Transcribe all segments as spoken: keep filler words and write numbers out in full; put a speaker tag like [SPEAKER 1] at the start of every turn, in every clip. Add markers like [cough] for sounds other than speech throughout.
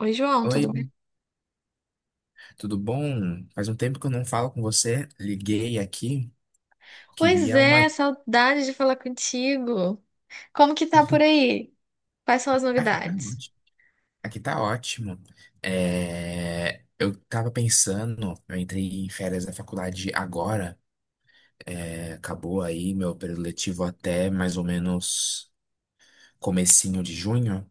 [SPEAKER 1] Oi, João, tudo bem?
[SPEAKER 2] Oi, tudo bom? Faz um tempo que eu não falo com você. Liguei aqui,
[SPEAKER 1] Pois
[SPEAKER 2] queria
[SPEAKER 1] é,
[SPEAKER 2] uma.
[SPEAKER 1] saudade de falar contigo. Como que tá por aí? Quais são as
[SPEAKER 2] Aqui tá
[SPEAKER 1] novidades?
[SPEAKER 2] ótimo. Aqui tá ótimo. É, Eu tava pensando, eu entrei em férias da faculdade agora. É, Acabou aí meu período letivo até mais ou menos comecinho de junho.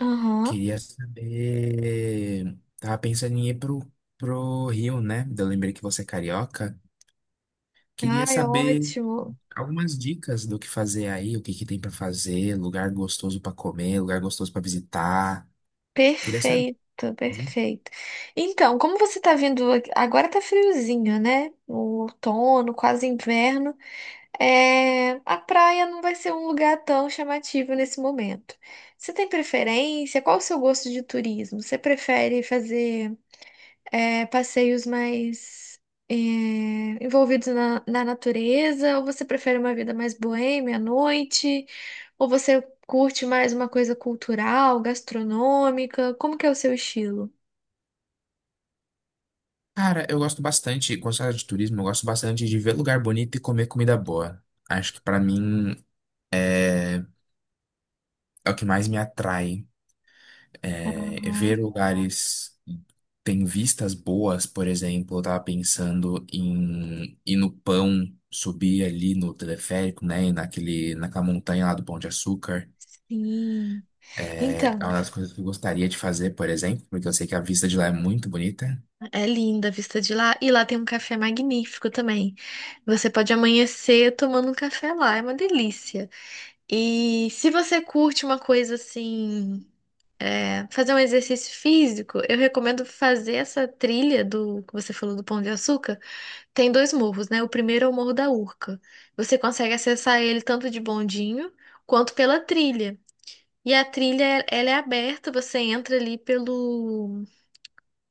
[SPEAKER 1] Aham.
[SPEAKER 2] Queria saber. Tava pensando em ir pro, pro Rio, né? Eu lembrei que você é carioca. Queria
[SPEAKER 1] Ai,
[SPEAKER 2] saber
[SPEAKER 1] ótimo.
[SPEAKER 2] algumas dicas do que fazer aí, o que que tem pra fazer, lugar gostoso pra comer, lugar gostoso pra visitar. Queria saber,
[SPEAKER 1] Perfeito,
[SPEAKER 2] viu?
[SPEAKER 1] perfeito. Então, como você tá vindo, aqui- agora tá friozinho, né? O outono, quase inverno. É... A praia não vai ser um lugar tão chamativo nesse momento. Você tem preferência? Qual o seu gosto de turismo? Você prefere fazer é, passeios mais é, envolvidos na, na natureza? Ou você prefere uma vida mais boêmia à noite? Ou você curte mais uma coisa cultural, gastronômica? Como que é o seu estilo?
[SPEAKER 2] Cara, eu gosto bastante, quando se fala de turismo, eu gosto bastante de ver lugar bonito e comer comida boa. Acho que pra mim é, é o que mais me atrai. É, é
[SPEAKER 1] Aham.
[SPEAKER 2] ver lugares que têm vistas boas. Por exemplo, eu tava pensando em ir no Pão, subir ali no teleférico, né, naquele, naquela montanha lá do Pão de Açúcar.
[SPEAKER 1] Sim.
[SPEAKER 2] É é
[SPEAKER 1] Então,
[SPEAKER 2] uma das coisas que eu gostaria de fazer, por exemplo, porque eu sei que a vista de lá é muito bonita.
[SPEAKER 1] é linda a vista de lá. E lá tem um café magnífico também. Você pode amanhecer tomando um café lá, é uma delícia. E se você curte uma coisa assim, é, fazer um exercício físico, eu recomendo fazer essa trilha do que você falou do Pão de Açúcar. Tem dois morros, né? O primeiro é o Morro da Urca. Você consegue acessar ele tanto de bondinho quanto pela trilha. E a trilha, ela é aberta, você entra ali pelo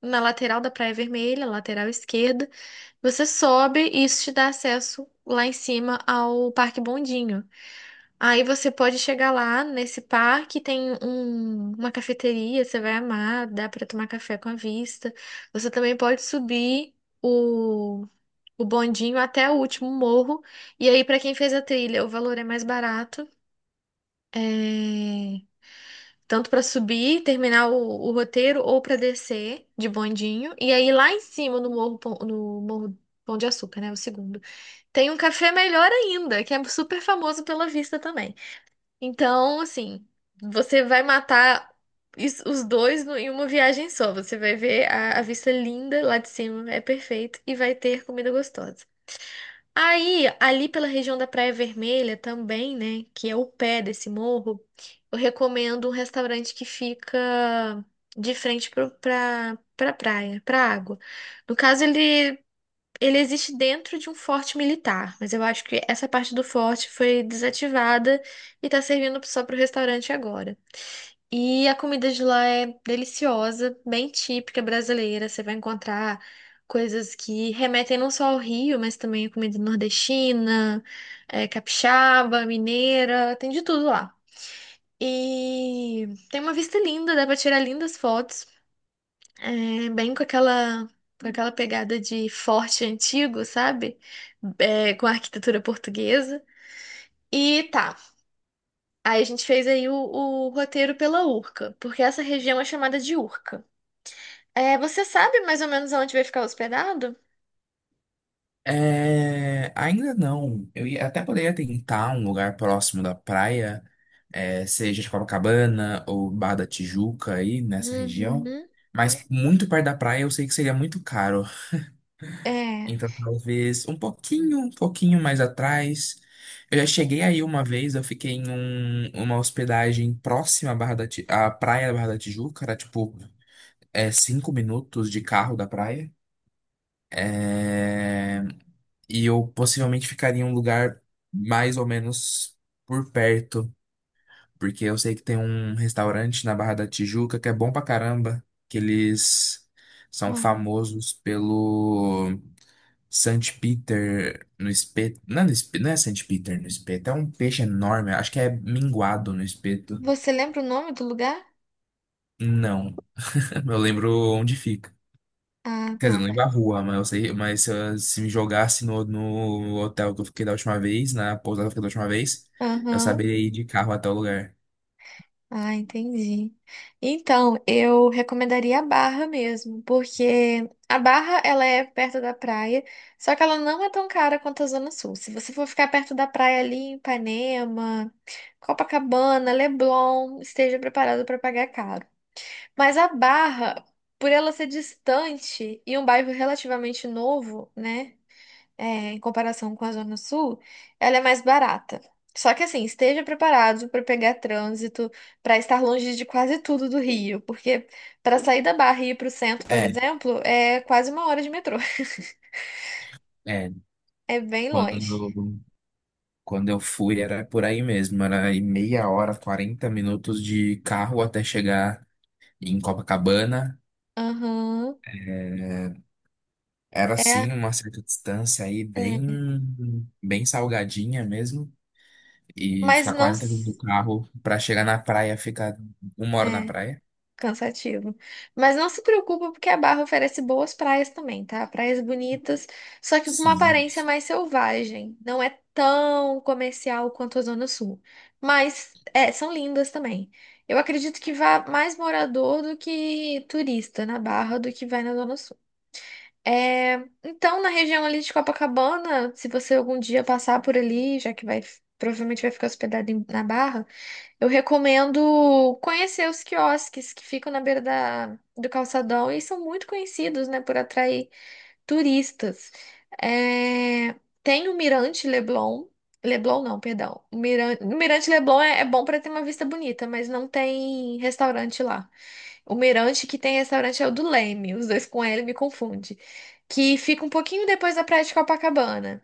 [SPEAKER 1] na lateral da Praia Vermelha, lateral esquerda. Você sobe e isso te dá acesso lá em cima ao Parque Bondinho. Aí você pode chegar lá nesse parque, tem um- uma cafeteria, você vai amar, dá para tomar café com a vista. Você também pode subir o, o bondinho até o último morro. E aí, para quem fez a trilha, o valor é mais barato, é, tanto para subir, terminar o, o roteiro, ou para descer de bondinho. E aí, lá em cima, no morro, Pão- no morro Pão de Açúcar, né? O segundo, tem um café melhor ainda, que é super famoso pela vista também. Então, assim, você vai matar is- os dois no- em uma viagem só. Você vai ver a, a vista linda lá de cima, é perfeito, e vai ter comida gostosa. Aí, ali pela região da Praia Vermelha também, né, que é o pé desse morro, eu recomendo um restaurante que fica de frente pro, pra, pra praia, pra água. No caso, ele ele existe dentro de um forte militar, mas eu acho que essa parte do forte foi desativada e tá servindo só pro restaurante agora. E a comida de lá é deliciosa, bem típica brasileira. Você vai encontrar coisas que remetem não só ao Rio, mas também a comida nordestina, eh, capixaba, mineira, tem de tudo lá. E tem uma vista linda, dá pra tirar lindas fotos. É, bem com aquela, com aquela pegada de forte antigo, sabe? É, com a arquitetura portuguesa. E tá, aí a gente fez aí o, o roteiro pela Urca, porque essa região é chamada de Urca. É, você sabe mais ou menos onde vai ficar hospedado?
[SPEAKER 2] É, ainda não. Eu ia- até poderia tentar um lugar próximo da praia, é, seja de Copacabana ou Barra da Tijuca aí nessa região.
[SPEAKER 1] Uhum.
[SPEAKER 2] Mas muito perto da praia eu sei que seria muito caro.
[SPEAKER 1] É.
[SPEAKER 2] Então, talvez um pouquinho, um pouquinho mais atrás. Eu já cheguei aí uma vez, eu fiquei em um- uma hospedagem próxima à Barra da Ti- à praia da Barra da Tijuca, era tipo é, cinco minutos de carro da praia. É, e eu possivelmente ficaria em um lugar mais ou menos por perto, porque eu sei que tem um restaurante na Barra da Tijuca que é bom pra caramba, que eles são
[SPEAKER 1] Uhum.
[SPEAKER 2] famosos pelo Saint Peter no espeto. Não, é no espeto, não é Saint Peter no espeto, é um peixe enorme. Acho que é minguado no espeto.
[SPEAKER 1] Você lembra o nome do lugar?
[SPEAKER 2] Não. [laughs] Eu lembro onde fica.
[SPEAKER 1] Ah,
[SPEAKER 2] Quer dizer,
[SPEAKER 1] tá.
[SPEAKER 2] não lembro a rua, mas eu sei, mas se, eu- se me jogasse no, no hotel que eu fiquei da última vez, na pousada que eu fiquei da última vez, eu
[SPEAKER 1] Aham.
[SPEAKER 2] saberia ir de carro até o lugar.
[SPEAKER 1] Ah, entendi. Então, eu recomendaria a Barra mesmo, porque a Barra ela é perto da praia, só que ela não é tão cara quanto a Zona Sul. Se você for ficar perto da praia ali em Ipanema, Copacabana, Leblon, esteja preparado para pagar caro. Mas a Barra, por ela ser distante e um bairro relativamente novo, né? é, Em comparação com a Zona Sul, ela é mais barata. Só que assim, esteja preparado para pegar trânsito, para estar longe de quase tudo do Rio, porque para sair da Barra e ir para o centro, por
[SPEAKER 2] É,
[SPEAKER 1] exemplo, é quase uma hora de metrô. [laughs]
[SPEAKER 2] é.
[SPEAKER 1] É bem longe.
[SPEAKER 2] Quando, quando eu fui era por aí mesmo, era aí meia hora, quarenta minutos de carro até chegar em Copacabana.
[SPEAKER 1] Aham.
[SPEAKER 2] É, Era
[SPEAKER 1] É,
[SPEAKER 2] sim uma certa distância aí, bem,
[SPEAKER 1] é.
[SPEAKER 2] bem salgadinha mesmo. E
[SPEAKER 1] Mas
[SPEAKER 2] ficar
[SPEAKER 1] não.
[SPEAKER 2] quarenta minutos do
[SPEAKER 1] s-
[SPEAKER 2] carro pra chegar na praia, ficar uma hora na
[SPEAKER 1] é.
[SPEAKER 2] praia.
[SPEAKER 1] Cansativo. Mas não se preocupa, porque a Barra oferece boas praias também, tá? Praias bonitas, só que com uma
[SPEAKER 2] Sim,
[SPEAKER 1] aparência
[SPEAKER 2] sim.
[SPEAKER 1] mais selvagem. Não é tão comercial quanto a Zona Sul. Mas é, são lindas também. Eu acredito que vá mais morador do que turista na Barra do que vai na Zona Sul. É, então, na região ali de Copacabana, se você algum dia passar por ali, já que vai, provavelmente vai ficar hospedado em- na Barra. Eu recomendo conhecer os quiosques que ficam na beira da, do calçadão e são muito conhecidos, né, por atrair turistas. É, Tem o Mirante Leblon. Leblon não, perdão. O Miran- o Mirante Leblon é, é bom para ter uma vista bonita, mas não tem restaurante lá. O Mirante que tem restaurante é o do Leme, os dois com L me confunde, que fica um pouquinho depois da Praia de Copacabana.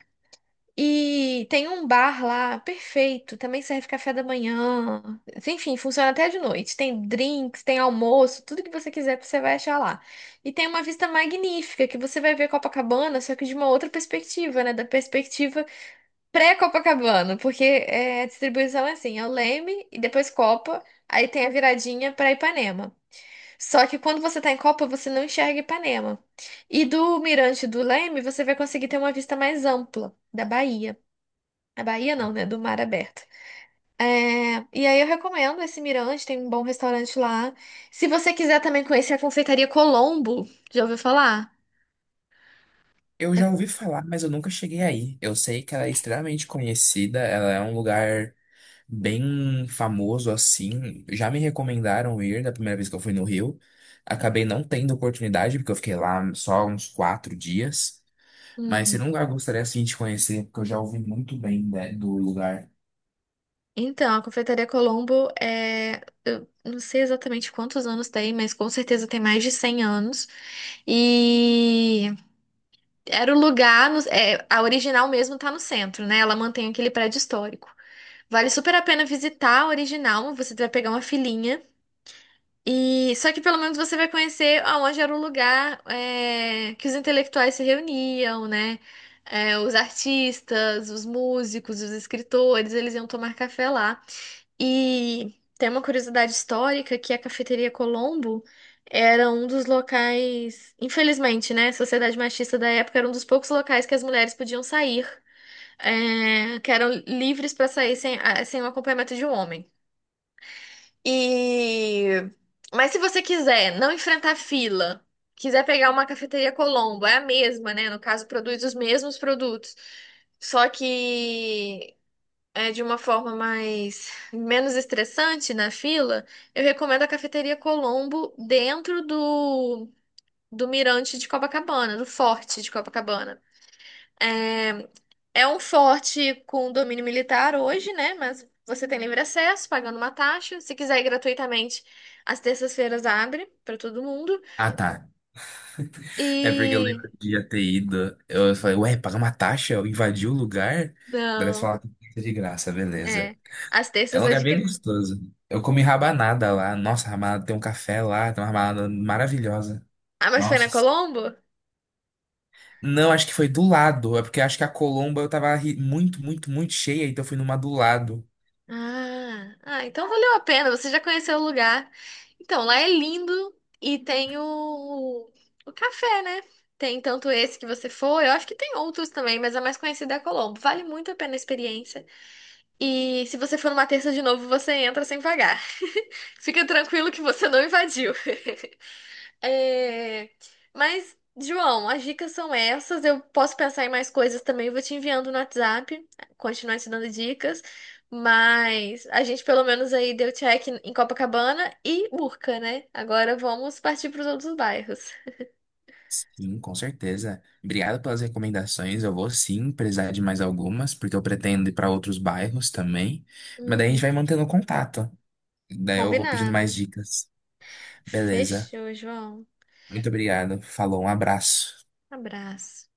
[SPEAKER 1] E tem um bar lá, perfeito, também serve café da manhã. Enfim, funciona até de noite. Tem drinks, tem almoço, tudo que você quiser você vai achar lá. E tem uma vista magnífica que você vai ver Copacabana, só que de uma outra perspectiva, né? Da perspectiva pré-Copacabana, porque é, a distribuição é assim, é o Leme e depois Copa, aí tem a viradinha para Ipanema. Só que quando você tá em Copa, você não enxerga Ipanema. E do mirante do Leme, você vai conseguir ter uma vista mais ampla da Bahia. A Bahia não, né? Do mar aberto. É, e aí eu recomendo esse Mirante, tem um bom restaurante lá. Se você quiser também conhecer a Confeitaria Colombo, já ouviu falar?
[SPEAKER 2] Eu já ouvi falar, mas eu nunca cheguei aí. Eu sei que ela é extremamente conhecida, ela é um lugar bem famoso assim. Já me recomendaram ir da primeira vez que eu fui no Rio. Acabei não tendo oportunidade, porque eu fiquei lá só uns quatro dias. Mas se
[SPEAKER 1] Uhum.
[SPEAKER 2] não lugar eu gostaria assim de conhecer, porque eu já ouvi muito bem, né, do lugar.
[SPEAKER 1] Então, a Confeitaria Colombo é. Eu não sei exatamente quantos anos tem, mas com certeza tem mais de cem anos. E era o lugar. no- é, a original mesmo tá no centro, né? Ela mantém aquele prédio histórico. Vale super a pena visitar a original, você vai pegar uma filinha. E só que pelo menos você vai conhecer aonde era o lugar é, que os intelectuais se reuniam, né? É, os artistas, os músicos, os escritores, eles iam tomar café lá. E tem uma curiosidade histórica que a Cafeteria Colombo era um dos locais, infelizmente, né? A sociedade machista da época era um dos poucos locais que as mulheres podiam sair, é, que eram livres para sair sem, ah, sem o acompanhamento de um homem. E mas se você quiser não enfrentar fila, quiser pegar uma cafeteria Colombo, é a mesma, né? No caso, produz os mesmos produtos, só que é de uma forma mais menos estressante na fila. Eu recomendo a cafeteria Colombo dentro do do Mirante de Copacabana, do Forte de Copacabana. É, É um forte com domínio militar hoje, né? Mas você tem livre acesso, pagando uma taxa. Se quiser ir gratuitamente, às terças-feiras abre para todo mundo.
[SPEAKER 2] Ah, tá. É porque eu
[SPEAKER 1] E.
[SPEAKER 2] lembro de já ter ido. Eu falei, ué, pagar uma taxa? Eu invadi o lugar? Daí eles
[SPEAKER 1] Não,
[SPEAKER 2] falaram que é de graça,
[SPEAKER 1] é.
[SPEAKER 2] beleza.
[SPEAKER 1] Às
[SPEAKER 2] É um
[SPEAKER 1] terças é
[SPEAKER 2] lugar
[SPEAKER 1] de
[SPEAKER 2] bem
[SPEAKER 1] criança.
[SPEAKER 2] gostoso. Eu comi rabanada lá. Nossa, rabanada tem um café lá, tem uma rabanada maravilhosa.
[SPEAKER 1] Ah, mas foi na
[SPEAKER 2] Nossa.
[SPEAKER 1] Colombo?
[SPEAKER 2] Não, acho que foi do lado. É porque acho que a Colomba eu tava ri- muito, muito, muito cheia, então eu fui numa do lado.
[SPEAKER 1] Ah, ah, então valeu a pena. Você já conheceu o lugar. Então, lá é lindo e tem o, o café, né? Tem tanto esse que você foi, eu acho que tem outros também, mas a mais conhecida é a Colombo. Vale muito a pena a experiência. E se você for numa terça de novo, você entra sem pagar. Fica tranquilo que você não invadiu. [laughs] É, Mas, João, as dicas são essas. Eu posso pensar em mais coisas também. Vou te enviando no WhatsApp, continuar te dando dicas. Mas a gente pelo menos aí deu check em Copacabana e Urca, né? Agora vamos partir para os outros bairros.
[SPEAKER 2] Sim, com certeza. Obrigado pelas recomendações. Eu vou sim precisar de mais algumas, porque eu pretendo ir para outros bairros também. Mas daí a
[SPEAKER 1] Uhum,
[SPEAKER 2] gente vai mantendo contato. Daí eu vou pedindo
[SPEAKER 1] combinado.
[SPEAKER 2] mais dicas. Beleza.
[SPEAKER 1] Fechou, João.
[SPEAKER 2] Muito obrigado. Falou, um abraço.
[SPEAKER 1] Abraço.